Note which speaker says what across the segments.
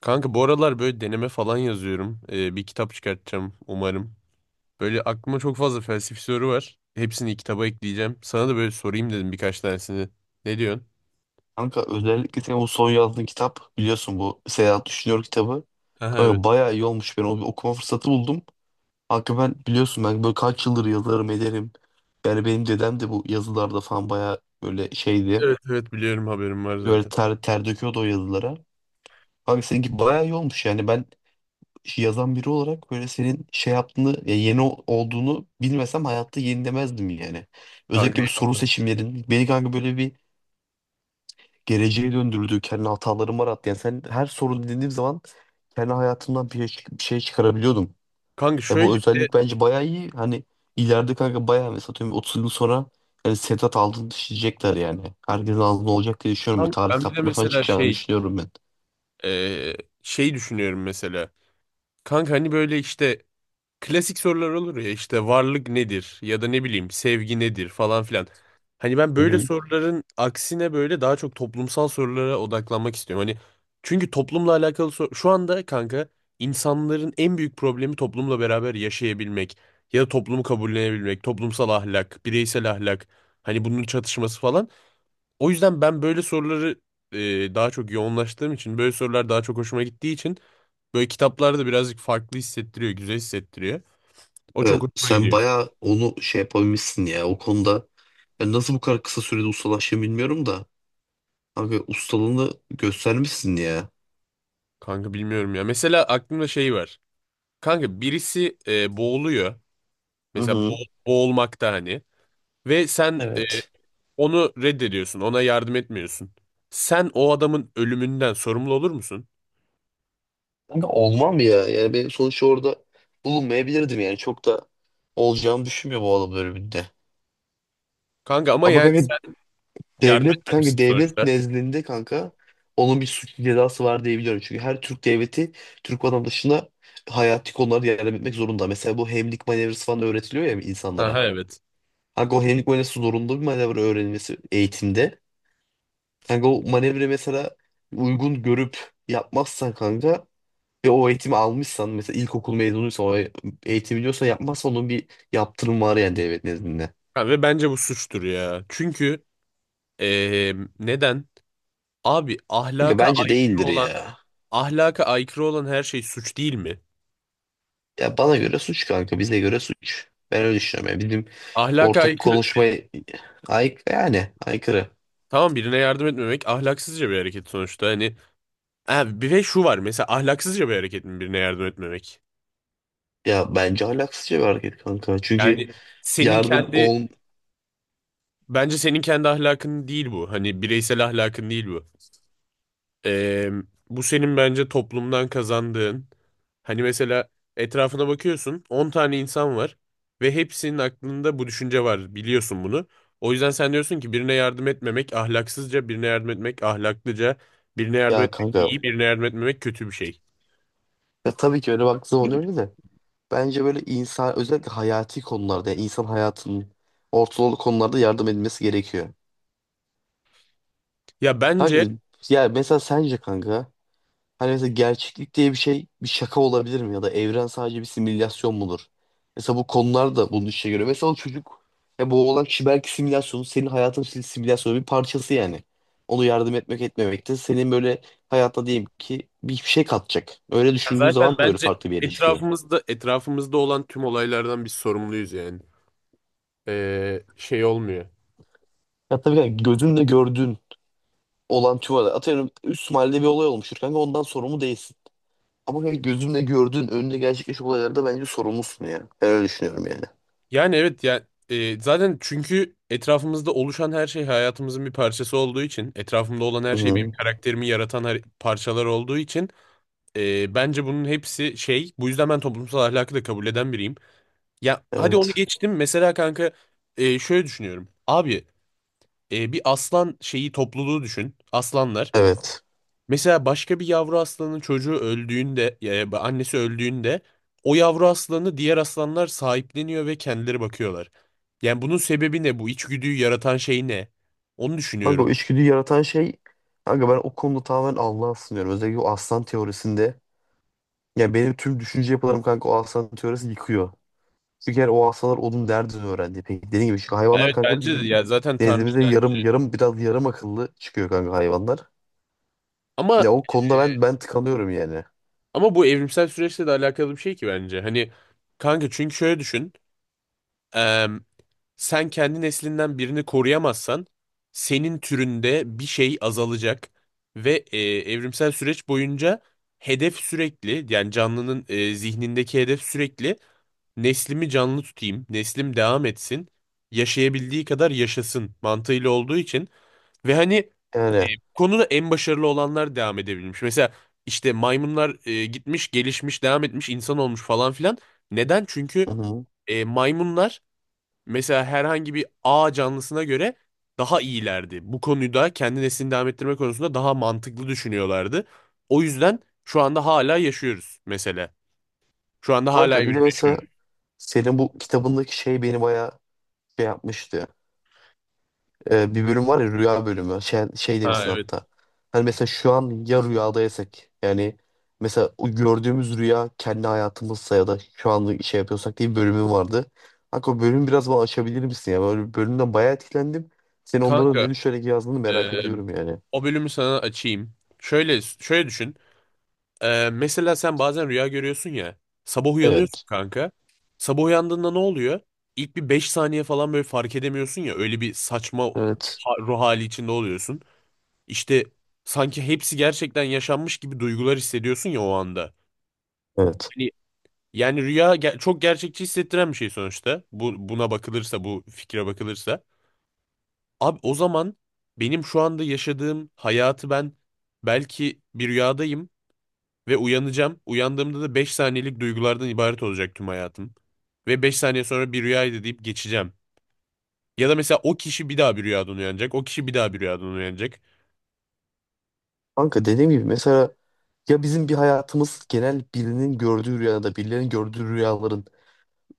Speaker 1: Kanka bu aralar böyle deneme falan yazıyorum. Bir kitap çıkartacağım umarım. Böyle aklıma çok fazla felsefi soru var. Hepsini kitaba ekleyeceğim. Sana da böyle sorayım dedim birkaç tanesini. Ne diyorsun?
Speaker 2: Kanka özellikle senin bu son yazdığın kitap biliyorsun bu Seyahat Düşünüyor kitabı.
Speaker 1: Aha, evet.
Speaker 2: Kanka bayağı iyi olmuş. Ben o okuma fırsatı buldum. Kanka ben biliyorsun ben böyle kaç yıldır yazarım ederim. Yani benim dedem de bu yazılarda falan bayağı böyle şeydi.
Speaker 1: Evet, evet, biliyorum, haberim var
Speaker 2: Böyle
Speaker 1: zaten.
Speaker 2: ter döküyordu o yazılara. Kanka seninki bayağı iyi olmuş yani ben şey, yazan biri olarak böyle senin şey yaptığını ya yeni olduğunu bilmesem hayatta yenilemezdim yani.
Speaker 1: Kanka
Speaker 2: Özellikle
Speaker 1: iyi
Speaker 2: bir soru
Speaker 1: bakalım.
Speaker 2: seçimlerin beni kanka böyle bir geleceğe döndürdüğü kendi hatalarım var rahat. Yani sen her sorun dediğim zaman kendi hayatımdan bir şey çıkarabiliyordum.
Speaker 1: Kanka
Speaker 2: E
Speaker 1: şöyle
Speaker 2: bu
Speaker 1: bir de
Speaker 2: özellik bence bayağı iyi. Hani ileride kanka bayağı mesela atıyorum 30 yıl sonra yani Sedat Altın düşecekler yani. Herkesin ağzında olacak diye düşünüyorum. Ve
Speaker 1: kanka
Speaker 2: tarih
Speaker 1: ben bir de
Speaker 2: kitaplarına falan
Speaker 1: mesela
Speaker 2: çıkacağını düşünüyorum ben.
Speaker 1: e, şey düşünüyorum mesela. Kanka hani böyle işte klasik sorular olur ya, işte varlık nedir ya da ne bileyim sevgi nedir falan filan. Hani ben
Speaker 2: Hı
Speaker 1: böyle
Speaker 2: hı.
Speaker 1: soruların aksine böyle daha çok toplumsal sorulara odaklanmak istiyorum. Hani çünkü toplumla alakalı şu anda kanka insanların en büyük problemi toplumla beraber yaşayabilmek ya da toplumu kabullenebilmek, toplumsal ahlak, bireysel ahlak, hani bunun çatışması falan. O yüzden ben böyle soruları daha çok yoğunlaştığım için, böyle sorular daha çok hoşuma gittiği için böyle kitaplarda birazcık farklı hissettiriyor, güzel hissettiriyor. O çok
Speaker 2: Evet,
Speaker 1: hoşuma
Speaker 2: sen
Speaker 1: gidiyor.
Speaker 2: bayağı onu şey yapabilmişsin ya o konuda. Ben nasıl bu kadar kısa sürede ustalaştığını bilmiyorum da. Abi ustalığını göstermişsin ya.
Speaker 1: Kanka bilmiyorum ya. Mesela aklımda şey var. Kanka birisi boğuluyor.
Speaker 2: Hı
Speaker 1: Mesela
Speaker 2: hı.
Speaker 1: boğulmakta hani. Ve sen
Speaker 2: Evet.
Speaker 1: onu reddediyorsun. Ona yardım etmiyorsun. Sen o adamın ölümünden sorumlu olur musun?
Speaker 2: Kanka olmam ya. Yani ben sonuçta orada bulunmayabilirdim yani. Çok da olacağını düşünmüyorum o adam bölümünde.
Speaker 1: Kanka ama
Speaker 2: Ama
Speaker 1: yani
Speaker 2: kanka
Speaker 1: sen yardım
Speaker 2: devlet
Speaker 1: etmemişsin
Speaker 2: kanka devlet
Speaker 1: sonuçta.
Speaker 2: nezdinde kanka onun bir suç cezası var diye biliyorum. Çünkü her Türk devleti Türk vatandaşına hayati konularda yardım etmek zorunda. Mesela bu hemlik manevrası falan öğretiliyor ya insanlara.
Speaker 1: Aha, evet.
Speaker 2: Kanka o hemlik manevrası zorunlu bir manevra öğrenilmesi eğitimde. Kanka o manevra mesela uygun görüp yapmazsan kanka. Ve o eğitimi almışsan mesela ilkokul mezunuysa o eğitimi diyorsa yapmazsa onun bir yaptırım var yani devlet nezdinde.
Speaker 1: Ha, ve bence bu suçtur ya. Çünkü e, neden? Abi
Speaker 2: Kanka bence değildir ya.
Speaker 1: ahlaka aykırı olan her şey suç değil mi?
Speaker 2: Ya bana göre suç kanka bize göre suç. Ben öyle düşünüyorum yani bizim
Speaker 1: Ahlaka
Speaker 2: ortak
Speaker 1: aykırı
Speaker 2: konuşmaya ay yani aykırı.
Speaker 1: Tamam, birine yardım etmemek ahlaksızca bir hareket sonuçta. Hani, ha, bir ve şu var mesela, ahlaksızca bir hareket mi birine yardım etmemek?
Speaker 2: Ya bence ahlaksızca bir hareket kanka. Çünkü
Speaker 1: Yani senin
Speaker 2: yardım
Speaker 1: kendi
Speaker 2: ol,
Speaker 1: bence senin kendi ahlakın değil bu. Hani bireysel ahlakın değil bu. Ee, bu senin bence toplumdan kazandığın. Hani mesela etrafına bakıyorsun, 10 tane insan var ve hepsinin aklında bu düşünce var, biliyorsun bunu. O yüzden sen diyorsun ki birine yardım etmemek ahlaksızca, birine yardım etmek ahlaklıca, birine yardım
Speaker 2: ya
Speaker 1: etmek
Speaker 2: kanka
Speaker 1: iyi, birine yardım etmemek kötü bir şey.
Speaker 2: tabii ki öyle baktığı zaman öyle de bence böyle insan özellikle hayati konularda yani insan hayatının ortalığı konularda yardım edilmesi gerekiyor.
Speaker 1: Ya
Speaker 2: Kanka
Speaker 1: bence
Speaker 2: ya mesela sence kanka. Hani mesela gerçeklik diye bir şey bir şaka olabilir mi? Ya da evren sadece bir simülasyon mudur? Mesela bu konular da bunun işe göre. Mesela o çocuk ya bu olan kişi belki simülasyonu senin hayatın simülasyonu bir parçası yani. Onu yardım etmek etmemek de senin böyle hayatta diyeyim ki bir şey katacak. Öyle
Speaker 1: ya
Speaker 2: düşündüğün
Speaker 1: zaten
Speaker 2: zaman da öyle
Speaker 1: bence
Speaker 2: farklı bir yere çıkıyor.
Speaker 1: etrafımızda olan tüm olaylardan biz sorumluyuz yani. Şey olmuyor.
Speaker 2: Ya tabii yani gözünle gördüğün olan tüvada atıyorum üst mahallede bir olay olmuştur kanka ondan sorumlu değilsin. Ama yani gözünle gördüğün önünde gerçekleşen olaylarda bence sorumlusun ya. Ben öyle düşünüyorum yani.
Speaker 1: Yani evet ya, zaten çünkü etrafımızda oluşan her şey hayatımızın bir parçası olduğu için, etrafımda olan her şey benim
Speaker 2: Hı,
Speaker 1: karakterimi yaratan parçalar olduğu için bence bunun hepsi şey, bu yüzden ben toplumsal ahlakı da kabul eden biriyim. Ya hadi onu
Speaker 2: evet.
Speaker 1: geçtim mesela kanka, şöyle düşünüyorum. Abi, bir aslan şeyi topluluğu düşün. Aslanlar.
Speaker 2: Evet.
Speaker 1: Mesela başka bir yavru aslanın çocuğu öldüğünde, annesi öldüğünde o yavru aslanı diğer aslanlar sahipleniyor ve kendileri bakıyorlar. Yani bunun sebebi ne? Bu içgüdüyü yaratan şey ne? Onu
Speaker 2: Kanka
Speaker 1: düşünüyorum.
Speaker 2: o içgüdüyü yaratan şey kanka ben o konuda tamamen Allah'a sınıyorum. Özellikle o aslan teorisinde. Yani benim tüm düşünce yapılarım kanka o aslan teorisi yıkıyor. Çünkü yani o aslanlar onun derdini öğrendi. Peki dediğim gibi çünkü hayvanlar
Speaker 1: Evet
Speaker 2: kanka
Speaker 1: bence de,
Speaker 2: bizim
Speaker 1: ya zaten
Speaker 2: nezdimizde
Speaker 1: Tanrı'dan.
Speaker 2: yarım yarım biraz yarım akıllı çıkıyor kanka hayvanlar. Ya
Speaker 1: Ama
Speaker 2: o konuda ben tıkanıyorum yani.
Speaker 1: ama bu evrimsel süreçle de alakalı bir şey ki bence. Hani kanka, çünkü şöyle düşün. Eee, sen kendi neslinden birini koruyamazsan senin türünde bir şey azalacak ve evrimsel süreç boyunca hedef sürekli, yani canlının zihnindeki hedef sürekli neslimi canlı tutayım, neslim devam etsin, yaşayabildiği kadar yaşasın mantığıyla olduğu için ve hani
Speaker 2: Yani.
Speaker 1: bu konuda en başarılı olanlar devam edebilmiş. Mesela işte maymunlar gitmiş, gelişmiş, devam etmiş, insan olmuş falan filan. Neden? Çünkü
Speaker 2: Hı hı.
Speaker 1: maymunlar mesela herhangi bir A canlısına göre daha iyilerdi. Bu konuda kendi neslini devam ettirme konusunda daha mantıklı düşünüyorlardı. O yüzden şu anda hala yaşıyoruz mesela. Şu anda hala
Speaker 2: Kanka bir de
Speaker 1: birlikte
Speaker 2: mesela
Speaker 1: yaşıyoruz.
Speaker 2: senin bu kitabındaki şey beni bayağı şey yapmıştı. Bir bölüm var ya rüya bölümü. Şey
Speaker 1: Ha,
Speaker 2: demişsin
Speaker 1: evet.
Speaker 2: hatta. Hani mesela şu an ya rüyadaysak yani mesela o gördüğümüz rüya kendi hayatımızsa ya da şu anda şey yapıyorsak diye bir bölümün vardı. Kanka o bölümü biraz bana açabilir misin ya? Böyle bir bölümden bayağı etkilendim. Senin onlara
Speaker 1: Kanka,
Speaker 2: ne düşünerek yazdığını merak
Speaker 1: eee,
Speaker 2: ediyorum yani.
Speaker 1: o bölümü sana açayım. Şöyle şöyle düşün. Mesela sen bazen rüya görüyorsun ya. Sabah uyanıyorsun
Speaker 2: Evet.
Speaker 1: kanka. Sabah uyandığında ne oluyor? İlk bir 5 saniye falan böyle fark edemiyorsun ya. Öyle bir saçma
Speaker 2: Evet.
Speaker 1: ruh hali içinde oluyorsun. İşte sanki hepsi gerçekten yaşanmış gibi duygular hissediyorsun ya o anda.
Speaker 2: Evet.
Speaker 1: Hani yani rüya çok gerçekçi hissettiren bir şey sonuçta. Bu buna bakılırsa, bu fikre bakılırsa. Abi o zaman benim şu anda yaşadığım hayatı ben belki bir rüyadayım ve uyanacağım. Uyandığımda da 5 saniyelik duygulardan ibaret olacak tüm hayatım. Ve beş saniye sonra bir rüyaydı deyip geçeceğim. Ya da mesela o kişi bir daha bir rüyadan uyanacak. O kişi bir daha bir rüyadan uyanacak.
Speaker 2: Kanka dediğim gibi mesela ya bizim bir hayatımız genel birinin gördüğü rüyada, birilerinin gördüğü rüyaların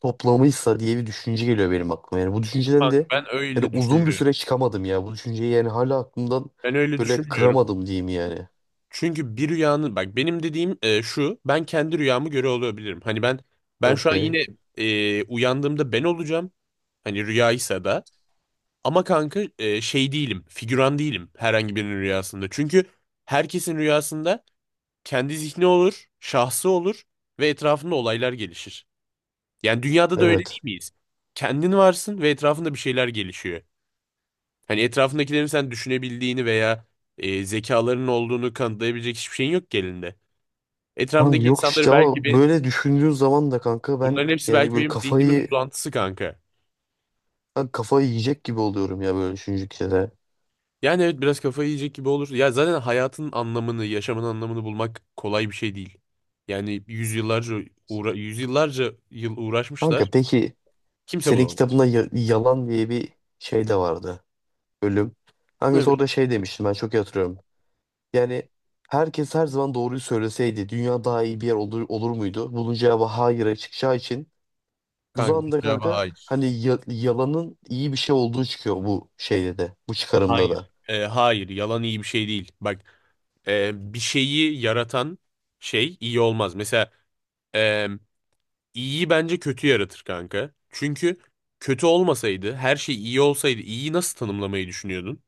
Speaker 2: toplamıysa diye bir düşünce geliyor benim aklıma. Yani bu düşünceden
Speaker 1: Kanka,
Speaker 2: de
Speaker 1: ben
Speaker 2: yani
Speaker 1: öyle
Speaker 2: uzun bir
Speaker 1: düşünmüyorum.
Speaker 2: süre çıkamadım ya. Bu düşünceyi yani hala aklımdan
Speaker 1: Ben öyle
Speaker 2: böyle
Speaker 1: düşünmüyorum.
Speaker 2: kıramadım diyeyim yani.
Speaker 1: Çünkü bir rüyanın, bak, benim dediğim şu, ben kendi rüyamı göre olabilirim. Hani ben şu an
Speaker 2: Okey.
Speaker 1: yine uyandığımda ben olacağım. Hani rüyaysa da, ama kanka, şey değilim, figüran değilim herhangi birinin rüyasında. Çünkü herkesin rüyasında kendi zihni olur, şahsı olur ve etrafında olaylar gelişir. Yani dünyada da öyle
Speaker 2: Evet.
Speaker 1: değil miyiz? Kendin varsın ve etrafında bir şeyler gelişiyor. Hani etrafındakilerin sen düşünebildiğini veya zekalarının olduğunu kanıtlayabilecek hiçbir şeyin yok ki elinde.
Speaker 2: Kanka
Speaker 1: Etrafındaki
Speaker 2: yok
Speaker 1: insanları
Speaker 2: işte
Speaker 1: belki
Speaker 2: ama
Speaker 1: bir
Speaker 2: böyle düşündüğün zaman da kanka ben
Speaker 1: bunların hepsi
Speaker 2: yani
Speaker 1: belki
Speaker 2: böyle
Speaker 1: benim zihnimin
Speaker 2: kafayı
Speaker 1: uzantısı kanka.
Speaker 2: ben kafayı yiyecek gibi oluyorum ya böyle düşündükçe de.
Speaker 1: Yani evet, biraz kafayı yiyecek gibi olur. Ya zaten hayatın anlamını, yaşamın anlamını bulmak kolay bir şey değil. Yani yüzyıllarca yüzyıllarca yıl
Speaker 2: Kanka
Speaker 1: uğraşmışlar.
Speaker 2: peki
Speaker 1: Kimse
Speaker 2: senin
Speaker 1: bulamadı.
Speaker 2: kitabında yalan diye bir şey de vardı. Bölüm. Hangisi
Speaker 1: Evet
Speaker 2: orada şey demiştim ben çok iyi hatırlıyorum. Yani herkes her zaman doğruyu söyleseydi dünya daha iyi bir yer olur muydu? Bunun cevabı hayır'a çıkacağı için bu
Speaker 1: kanka.
Speaker 2: zamanda kanka hani yalanın iyi bir şey olduğu çıkıyor bu şeyde de bu çıkarımda da.
Speaker 1: Hayır, yalan iyi bir şey değil. Bak, bir şeyi yaratan şey iyi olmaz. Mesela e, iyiyi bence kötü yaratır kanka. Çünkü kötü olmasaydı, her şey iyi olsaydı, iyiyi nasıl tanımlamayı düşünüyordun?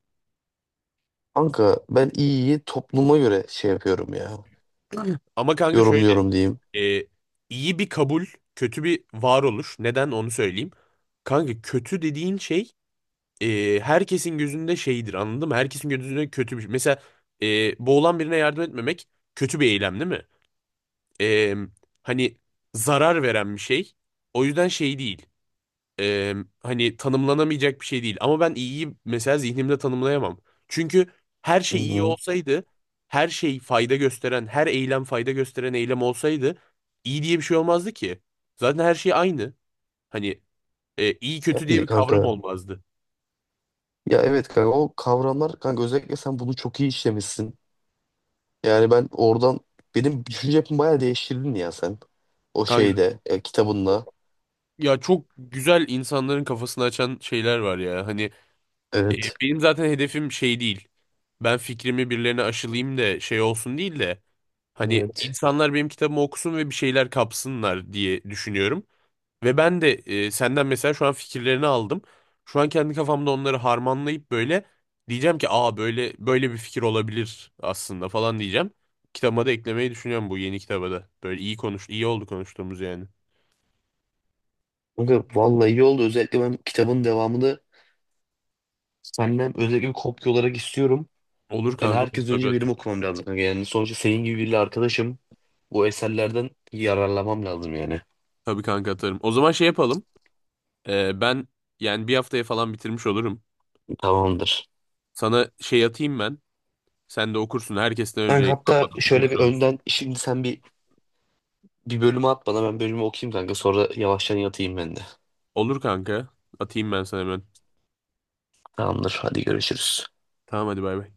Speaker 2: Kanka ben iyiyi topluma göre şey yapıyorum ya,
Speaker 1: Ama kanka şöyle,
Speaker 2: yorumluyorum diyeyim.
Speaker 1: e, iyi bir kabul, kötü bir varoluş. Neden onu söyleyeyim: kanka, kötü dediğin şey herkesin gözünde şeydir, anladın mı? Herkesin gözünde kötü bir şey. Mesela boğulan birine yardım etmemek kötü bir eylem değil mi? E, hani zarar veren bir şey. O yüzden şey değil, e, hani tanımlanamayacak bir şey değil. Ama ben iyiyi mesela zihnimde tanımlayamam. Çünkü her
Speaker 2: Hı
Speaker 1: şey iyi
Speaker 2: hı.
Speaker 1: olsaydı, her şey fayda gösteren, her eylem fayda gösteren eylem olsaydı iyi diye bir şey olmazdı ki. Zaten her şey aynı. Hani iyi kötü diye
Speaker 2: Yani
Speaker 1: bir kavram
Speaker 2: kanka
Speaker 1: olmazdı.
Speaker 2: ya evet kanka o kavramlar kanka özellikle sen bunu çok iyi işlemişsin. Yani ben oradan benim düşünce yapımı bayağı değiştirdin ya sen o
Speaker 1: Kanka,
Speaker 2: şeyde kitabınla.
Speaker 1: ya çok güzel insanların kafasını açan şeyler var ya. Hani E,
Speaker 2: Evet.
Speaker 1: Benim zaten hedefim şey değil. Ben fikrimi birilerine aşılayayım da şey olsun değil de hani
Speaker 2: Evet.
Speaker 1: insanlar benim kitabımı okusun ve bir şeyler kapsınlar diye düşünüyorum. Ve ben de senden mesela şu an fikirlerini aldım. Şu an kendi kafamda onları harmanlayıp böyle diyeceğim ki böyle böyle bir fikir olabilir aslında falan diyeceğim. Kitabıma da eklemeyi düşünüyorum, bu yeni kitaba da. Böyle iyi konuş, iyi oldu konuştuğumuz yani.
Speaker 2: Kanka vallahi iyi oldu. Özellikle ben kitabın devamını senden özellikle bir kopya olarak istiyorum.
Speaker 1: Olur
Speaker 2: Yani
Speaker 1: kanka, olur.
Speaker 2: herkes önce
Speaker 1: Tabii,
Speaker 2: benim okumam lazım, kanka. Yani sonuçta senin gibi biriyle arkadaşım. Bu eserlerden yararlanmam lazım yani.
Speaker 1: tabii, kanka, atarım. O zaman şey yapalım. Ben yani bir haftaya falan bitirmiş olurum.
Speaker 2: Tamamdır.
Speaker 1: Sana şey atayım ben. Sen de okursun. Herkesten önce,
Speaker 2: Kanka hatta
Speaker 1: yayınlanmadan
Speaker 2: şöyle bir
Speaker 1: okursun.
Speaker 2: önden şimdi sen bir bölümü at bana ben bölümü okuyayım kanka. Sonra yavaştan yatayım ben de.
Speaker 1: Olur kanka. Atayım ben sana hemen.
Speaker 2: Tamamdır. Hadi görüşürüz.
Speaker 1: Tamam, hadi, bay bay.